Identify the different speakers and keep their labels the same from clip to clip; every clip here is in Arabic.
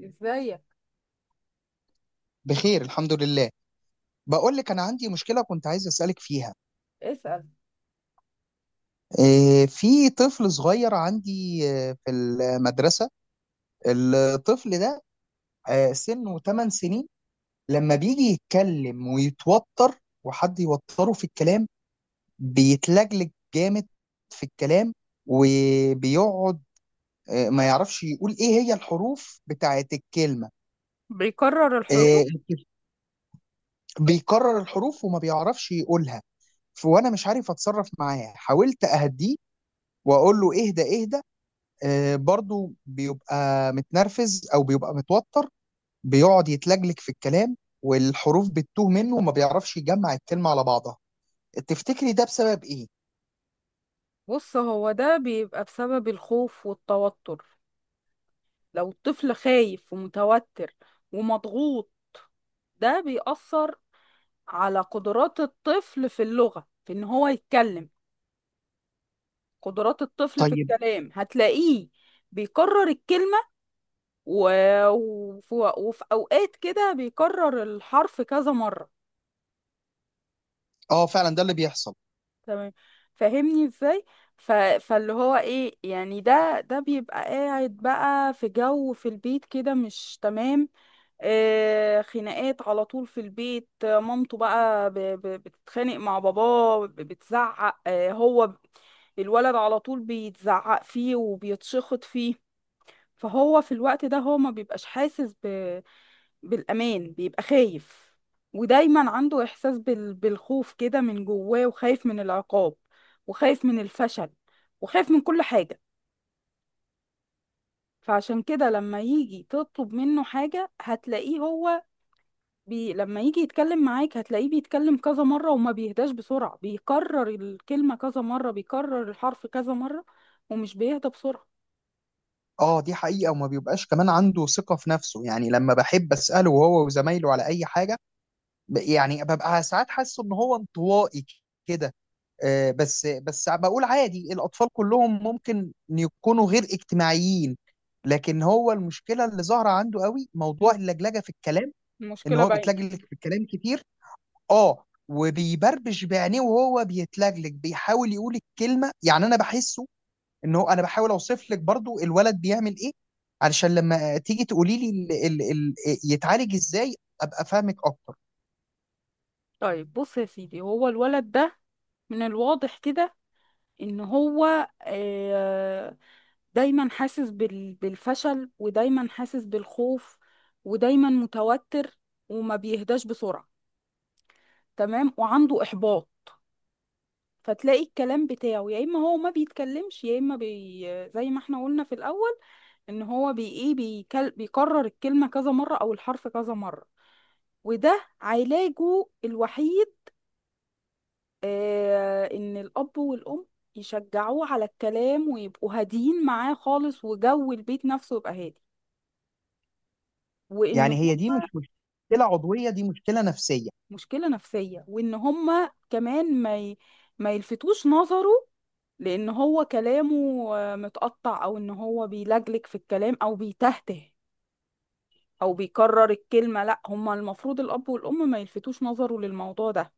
Speaker 1: ازيك؟
Speaker 2: بخير، الحمد لله. بقول لك انا عندي مشكله كنت عايز اسالك فيها.
Speaker 1: اسأل.
Speaker 2: إيه، في طفل صغير عندي، في المدرسه. الطفل ده سنه 8 سنين، لما بيجي يتكلم ويتوتر وحد يوتره في الكلام بيتلجلج جامد في الكلام وبيقعد ما يعرفش يقول ايه هي الحروف بتاعت الكلمه.
Speaker 1: بيكرر الحروف؟
Speaker 2: آه، بيكرر الحروف وما بيعرفش يقولها. وانا مش عارف اتصرف معاه. حاولت اهديه واقول له اهدى اهدى، برضه بيبقى متنرفز او بيبقى متوتر، بيقعد يتلجلج في الكلام، والحروف بتتوه منه وما بيعرفش يجمع الكلمه على بعضها. تفتكري ده بسبب ايه؟
Speaker 1: بص، هو ده بيبقى بسبب الخوف والتوتر. لو الطفل خايف ومتوتر ومضغوط ده بيأثر على قدرات الطفل في اللغة في ان هو يتكلم. قدرات الطفل في
Speaker 2: طيب.
Speaker 1: الكلام هتلاقيه بيكرر الكلمة و... وفي أوقات كده بيكرر الحرف كذا مرة.
Speaker 2: اه، فعلا ده اللي بيحصل.
Speaker 1: تمام. فاهمني ازاي. ف... فاللي هو ايه يعني ده بيبقى قاعد بقى في جو في البيت كده مش تمام. خناقات على طول في البيت، مامته بقى بتتخانق مع باباه بتزعق. الولد على طول بيتزعق فيه وبيتشخط فيه. فهو في الوقت ده هو ما بيبقاش حاسس بالأمان، بيبقى خايف، ودايما عنده إحساس بالخوف كده من جواه، وخايف من العقاب وخايف من الفشل وخايف من كل حاجة. فعشان كده لما يجي تطلب منه حاجة هتلاقيه لما يجي يتكلم معاك هتلاقيه بيتكلم كذا مرة، وما بيهداش بسرعة، بيكرر الكلمة كذا مرة، بيكرر الحرف كذا مرة، ومش بيهدى بسرعة.
Speaker 2: اه، دي حقيقه. وما بيبقاش كمان عنده ثقه في نفسه، يعني لما بحب اساله هو وزمايله على اي حاجه، يعني ببقى ساعات حاسس ان هو انطوائي كده. بس بس بقول عادي، الأطفال كلهم ممكن يكونوا غير اجتماعيين، لكن هو المشكلة اللي ظاهرة عنده قوي
Speaker 1: م-
Speaker 2: موضوع اللجلجة في الكلام. إن
Speaker 1: المشكلة
Speaker 2: هو
Speaker 1: باينة.
Speaker 2: بيتلجلج في الكلام كتير، وبيبربش بعينيه وهو بيتلجلج بيحاول يقول الكلمة. يعني أنا بحسه إن هو، أنا بحاول أوصف لك برضو الولد بيعمل إيه علشان لما تيجي تقولي لي ال ال ال يتعالج إزاي، أبقى فاهمك أكتر.
Speaker 1: طيب بص يا سيدي، هو الولد ده من الواضح كده ان هو دايما حاسس بالفشل، ودايما حاسس بالخوف، ودايما متوتر، وما بيهداش بسرعة. تمام، وعنده إحباط. فتلاقي الكلام بتاعه يا إما هو ما بيتكلمش، يا إما زي ما احنا قلنا في الأول، إن هو بي إيه بيكرر الكلمة كذا مرة أو الحرف كذا مرة. وده علاجه الوحيد. ان الاب والام يشجعوه على الكلام ويبقوا هاديين معاه خالص، وجو البيت نفسه يبقى هادي، وان
Speaker 2: يعني هي
Speaker 1: هم.
Speaker 2: دي مش مشكلة عضوية، دي مشكلة نفسية؟
Speaker 1: مشكله نفسيه. وان هم كمان ما يلفتوش نظره لان هو كلامه متقطع، او ان هو بيلجلج في الكلام او بيتهته او بيكرر الكلمه. لا هم المفروض الاب والام ما يلفتوش نظره للموضوع ده.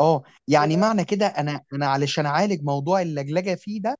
Speaker 2: اه، يعني
Speaker 1: و-
Speaker 2: معنى كده انا علشان اعالج موضوع اللجلجه فيه ده،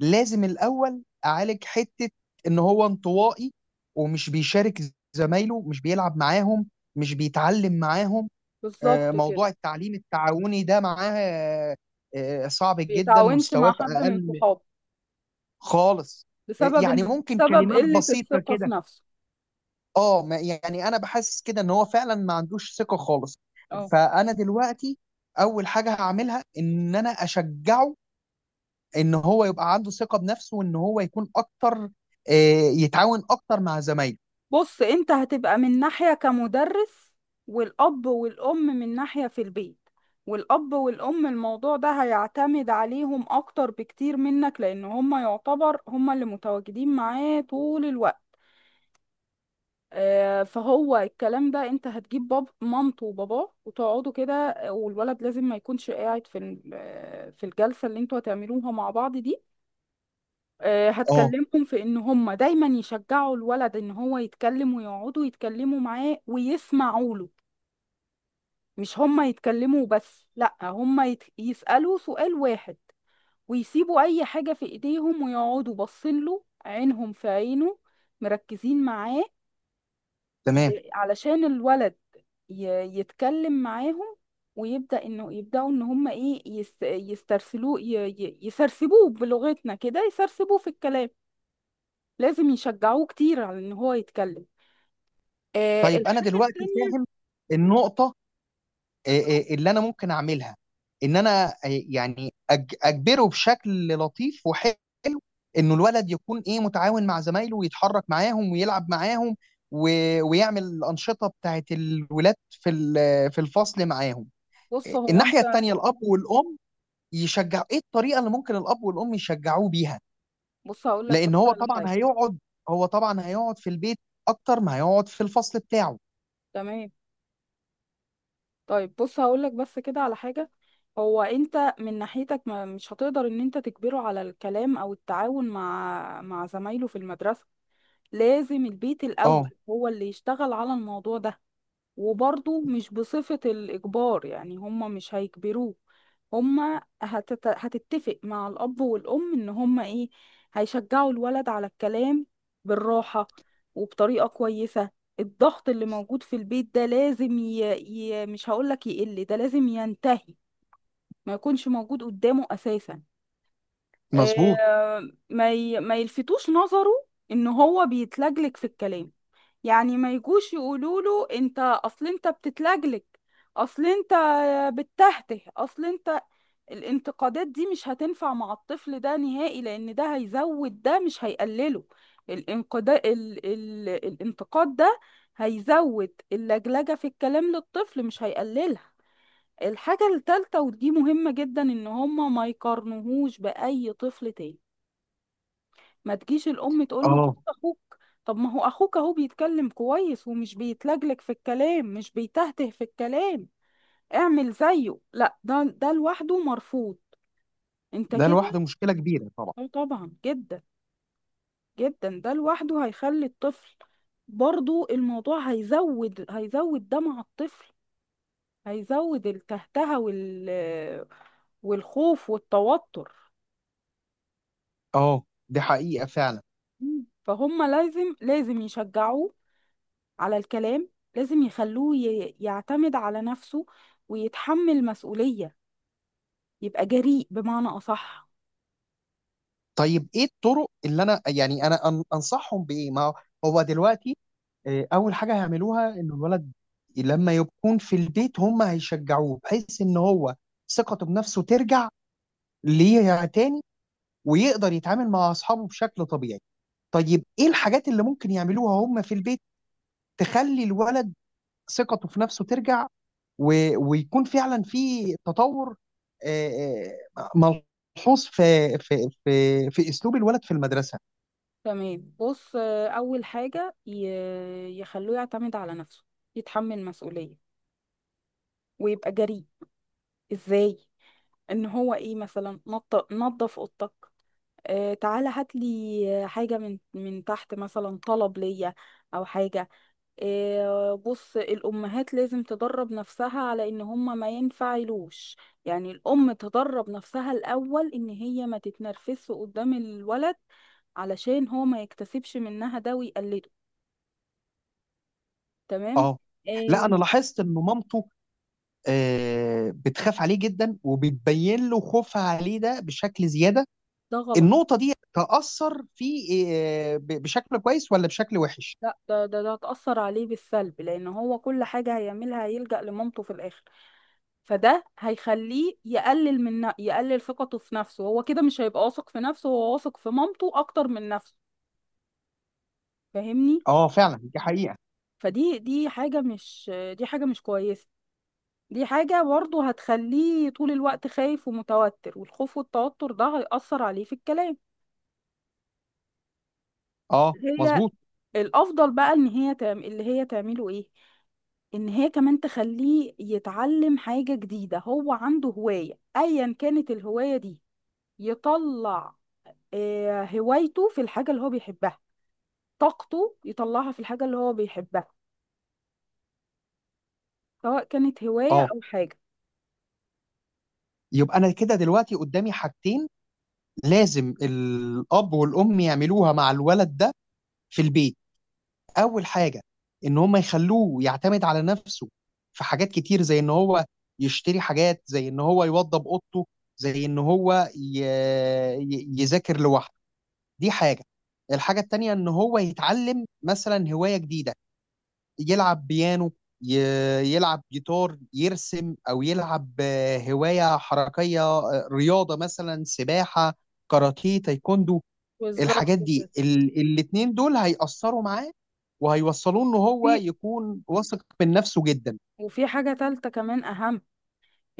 Speaker 2: لازم الاول اعالج حته ان هو انطوائي ومش بيشارك زمايله، مش بيلعب معاهم، مش بيتعلم معاهم.
Speaker 1: بالظبط كده.
Speaker 2: موضوع التعليم التعاوني ده معاه صعب
Speaker 1: ما
Speaker 2: جدا،
Speaker 1: بيتعاونش
Speaker 2: مستواه
Speaker 1: مع
Speaker 2: في
Speaker 1: حد من
Speaker 2: اقل.
Speaker 1: صحابه
Speaker 2: خالص. يعني
Speaker 1: بسبب
Speaker 2: ممكن
Speaker 1: بسبب
Speaker 2: كلمات
Speaker 1: قله
Speaker 2: بسيطه
Speaker 1: الثقه في
Speaker 2: كده.
Speaker 1: نفسه.
Speaker 2: اه، يعني انا بحسس كده ان هو فعلا ما عندوش ثقه خالص.
Speaker 1: اه.
Speaker 2: فانا دلوقتي اول حاجه هعملها ان انا اشجعه، ان هو يبقى عنده ثقه بنفسه وان هو يكون اكتر يتعاون اكتر مع زمايله.
Speaker 1: بص انت هتبقى من ناحية كمدرس، والأب والأم من ناحية في البيت، والأب والأم الموضوع ده هيعتمد عليهم أكتر بكتير منك، لأن هما يعتبر هما اللي متواجدين معاه طول الوقت. فهو الكلام ده انت هتجيب باب مامته وباباه وتقعدوا كده، والولد لازم ما يكونش قاعد في في الجلسة اللي انتوا هتعملوها مع بعض دي.
Speaker 2: اه،
Speaker 1: هتكلمهم في ان هم دايما يشجعوا الولد ان هو يتكلم، ويقعدوا يتكلموا معاه ويسمعوا له. مش هم يتكلموا بس، لا هم يسألوا سؤال واحد ويسيبوا اي حاجة في ايديهم، ويقعدوا باصين له عينهم في عينه، مركزين معاه،
Speaker 2: تمام.
Speaker 1: علشان الولد ي... يتكلم معاهم ويبدأ انه يبدأوا ان هم ايه يسترسلوه يسرسبوه بلغتنا كده، يسرسبوه في الكلام. لازم يشجعوه كتير على ان هو يتكلم.
Speaker 2: طيب، انا
Speaker 1: الحاجة
Speaker 2: دلوقتي
Speaker 1: التانية.
Speaker 2: فاهم النقطه اللي انا ممكن اعملها، ان انا يعني اجبره بشكل لطيف وحلو انه الولد يكون ايه متعاون مع زمايله ويتحرك معاهم ويلعب معاهم و... ويعمل الانشطه بتاعت الولاد في الفصل معاهم.
Speaker 1: بص هو
Speaker 2: الناحيه
Speaker 1: انت
Speaker 2: التانيه الاب والام يشجعوا، ايه الطريقه اللي ممكن الاب والام يشجعوه بيها؟
Speaker 1: بص هقول لك
Speaker 2: لان
Speaker 1: بس على حاجة.
Speaker 2: هو طبعا هيقعد في البيت اكتر ما هيقعد في الفصل بتاعه.
Speaker 1: تمام. طيب بص هقول لك بس كده على حاجة. هو انت من ناحيتك ما مش هتقدر ان انت تجبره على الكلام او التعاون مع زمايله في المدرسة. لازم البيت
Speaker 2: اه،
Speaker 1: الاول هو اللي يشتغل على الموضوع ده. وبرضه مش بصفة الإجبار، يعني هما مش هيجبروه، هما هتتفق مع الأب والأم إن هما إيه هيشجعوا الولد على الكلام، بالراحة وبطريقة كويسة. الضغط اللي موجود في البيت ده لازم مش هقولك يقل، ده لازم ينتهي، ما يكونش موجود قدامه أساسا.
Speaker 2: مظبوط.
Speaker 1: ما يلفتوش نظره إن هو بيتلجلج في الكلام، يعني ما يجوش يقولوا له انت اصل انت بتتلجلج، اصل انت بتتهته، اصل انت. الانتقادات دي مش هتنفع مع الطفل ده نهائي، لان ده هيزود ده مش هيقلله. الانتقاد ده هيزود اللجلجة في الكلام للطفل مش هيقللها. الحاجة التالتة ودي مهمة جدا، ان هما ما يقارنوهوش بأي طفل تاني، ما تجيش الام تقول له بص
Speaker 2: اه،
Speaker 1: اخوك، طب ما هو اخوك اهو بيتكلم كويس ومش بيتلجلج في الكلام، مش بيتهته في الكلام، اعمل زيه. لا، ده لوحده مرفوض. انت
Speaker 2: ده لوحده
Speaker 1: كده.
Speaker 2: مشكله كبيره طبعا.
Speaker 1: اه طبعا جدا جدا، ده لوحده هيخلي الطفل برضو، الموضوع هيزود ده مع الطفل، هيزود التهتهة والخوف والتوتر.
Speaker 2: اه، دي حقيقه فعلا.
Speaker 1: فهم لازم يشجعوه على الكلام، لازم يخلوه يعتمد على نفسه ويتحمل مسؤولية، يبقى جريء بمعنى أصح.
Speaker 2: طيب، ايه الطرق اللي انا يعني انصحهم بايه؟ ما هو، هو دلوقتي اول حاجه هيعملوها ان الولد لما يكون في البيت هم هيشجعوه بحيث ان هو ثقته بنفسه ترجع ليها تاني، ويقدر يتعامل مع اصحابه بشكل طبيعي. طيب، ايه الحاجات اللي ممكن يعملوها هم في البيت تخلي الولد ثقته في نفسه ترجع و... ويكون فعلا في تطور آه، ملحوظ في اسلوب الولد في المدرسه؟
Speaker 1: تمام. بص أول حاجة يخلوه يعتمد على نفسه، يتحمل مسؤولية ويبقى جريء. إزاي؟ إن هو إيه مثلا نظف أوضتك، تعالى هات لي حاجة من تحت مثلا، طلب ليا أو حاجة. بص، الأمهات لازم تدرب نفسها على إن هما ما ينفعلوش، يعني الأم تدرب نفسها الأول إن هي ما تتنرفزش قدام الولد علشان هو ما يكتسبش منها ده ويقلده. تمام.
Speaker 2: اه. لا،
Speaker 1: إيه؟
Speaker 2: انا لاحظت ان مامته بتخاف عليه جدا وبتبين له خوفها عليه ده بشكل زياده.
Speaker 1: ده غلط.
Speaker 2: النقطه دي تاثر فيه بشكل كويس ولا بشكل وحش؟
Speaker 1: لا ده هتأثر عليه بالسلب، لأن هو كل حاجة هيعملها هيلجأ لمامته في الآخر، فده هيخليه يقلل يقلل ثقته في نفسه، هو كده مش هيبقى واثق في نفسه، هو واثق في مامته أكتر من نفسه. فاهمني؟
Speaker 2: اه، فعلا دي حقيقه.
Speaker 1: فدي دي حاجة مش دي حاجة مش كويسة، دي حاجة برضه هتخليه طول الوقت خايف ومتوتر، والخوف والتوتر ده هيأثر عليه في الكلام.
Speaker 2: اه،
Speaker 1: هي
Speaker 2: مظبوط.
Speaker 1: الأفضل بقى إن هي اللي هي تعمله إيه، إن هي كمان تخليه يتعلم حاجة جديدة، هو عنده هواية أيا كانت الهواية دي، يطلع هوايته في الحاجة اللي هو بيحبها، طاقته يطلعها في الحاجة اللي هو بيحبها، سواء كانت هواية
Speaker 2: اه،
Speaker 1: أو حاجة.
Speaker 2: يبقى انا كده دلوقتي قدامي حاجتين لازم الاب والام يعملوها مع الولد ده في البيت. اول حاجه: ان هم يخلوه يعتمد على نفسه في حاجات كتير، زي ان هو يشتري حاجات، زي ان هو يوضب اوضته، زي ان هو يذاكر لوحده. دي حاجه. الحاجه التانيه: ان هو يتعلم مثلا هوايه جديده، يلعب بيانو، ي... يلعب جيتار، يرسم، او يلعب هوايه حركيه، رياضه مثلا، سباحه، كاراتيه، تايكوندو.
Speaker 1: بالظبط
Speaker 2: الحاجات دي
Speaker 1: كده.
Speaker 2: الاتنين دول هيأثروا معاه وهيوصلوه ان هو
Speaker 1: وفي
Speaker 2: يكون واثق من نفسه جدا.
Speaker 1: وفي حاجة تالتة كمان أهم،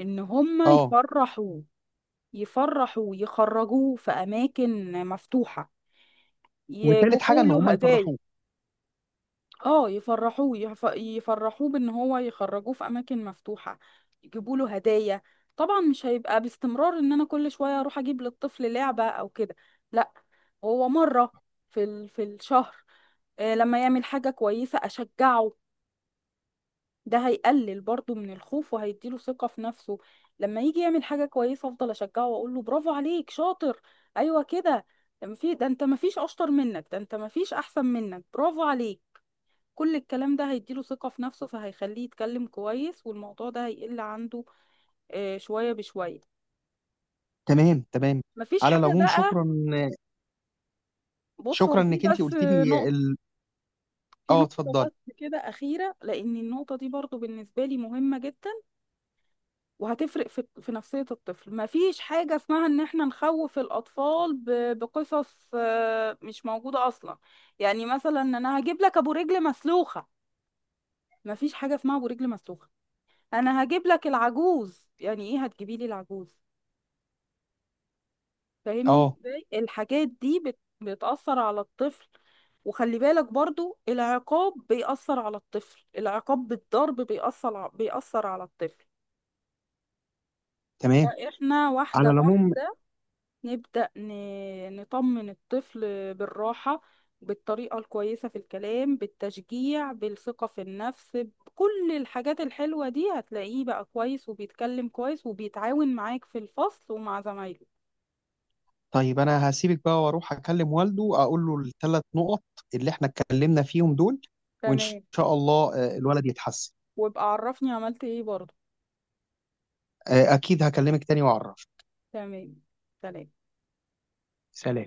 Speaker 1: إن هما
Speaker 2: اه.
Speaker 1: يفرحوا يخرجوه في أماكن مفتوحة،
Speaker 2: وتالت حاجه
Speaker 1: يجيبوا
Speaker 2: ان هم
Speaker 1: له هدايا.
Speaker 2: يفرحوه.
Speaker 1: اه يفرحوه يفرحوه بإن هو يخرجوه في أماكن مفتوحة، يجيبوا له هدايا. طبعا مش هيبقى باستمرار إن أنا كل شوية أروح أجيب للطفل لعبة أو كده، لا، هو مرة في الشهر، لما يعمل حاجة كويسة أشجعه. ده هيقلل برضه من الخوف وهيديله ثقة في نفسه. لما يجي يعمل حاجة كويسة افضل اشجعه واقول له برافو عليك، شاطر، ايوه كده، في ده، انت مفيش اشطر منك، ده انت مفيش احسن منك، برافو عليك. كل الكلام ده هيديله ثقة في نفسه، فهيخليه يتكلم كويس، والموضوع ده هيقل عنده شوية بشوية.
Speaker 2: تمام، تمام.
Speaker 1: مفيش
Speaker 2: على
Speaker 1: حاجة
Speaker 2: العموم
Speaker 1: بقى.
Speaker 2: شكرا.
Speaker 1: بص
Speaker 2: شكرا
Speaker 1: هو في
Speaker 2: انك انت
Speaker 1: بس،
Speaker 2: قلت لي
Speaker 1: نقطة. في
Speaker 2: اه،
Speaker 1: نقطة
Speaker 2: اتفضلي.
Speaker 1: بس كده أخيرة، لأن النقطة دي برضو بالنسبة لي مهمة جدا، وهتفرق في نفسية الطفل. مفيش حاجة اسمها ان احنا نخوف الاطفال بقصص مش موجودة اصلا، يعني مثلا انا هجيب لك ابو رجل مسلوخة. مفيش حاجة اسمها ابو رجل مسلوخة، انا هجيب لك العجوز، يعني ايه هتجيبي لي العجوز؟ فاهمني
Speaker 2: اه،
Speaker 1: ازاي الحاجات دي بتأثر على الطفل. وخلي بالك برضو العقاب بيأثر على الطفل، العقاب بالضرب بيأثر بيأثر على الطفل.
Speaker 2: تمام.
Speaker 1: فاحنا واحدة
Speaker 2: على العموم
Speaker 1: واحدة نبدأ نطمن الطفل بالراحة، بالطريقة الكويسة في الكلام، بالتشجيع، بالثقة في النفس، بكل الحاجات الحلوة دي، هتلاقيه بقى كويس وبيتكلم كويس وبيتعاون معاك في الفصل ومع زمايله.
Speaker 2: طيب، انا هسيبك بقى واروح اكلم والده، اقول له ال3 نقط اللي احنا اتكلمنا فيهم دول، وان
Speaker 1: تمام.
Speaker 2: شاء الله الولد يتحسن.
Speaker 1: وابقى عرفني عملت ايه برضه.
Speaker 2: اكيد هكلمك تاني واعرف.
Speaker 1: تمام. سلام.
Speaker 2: سلام.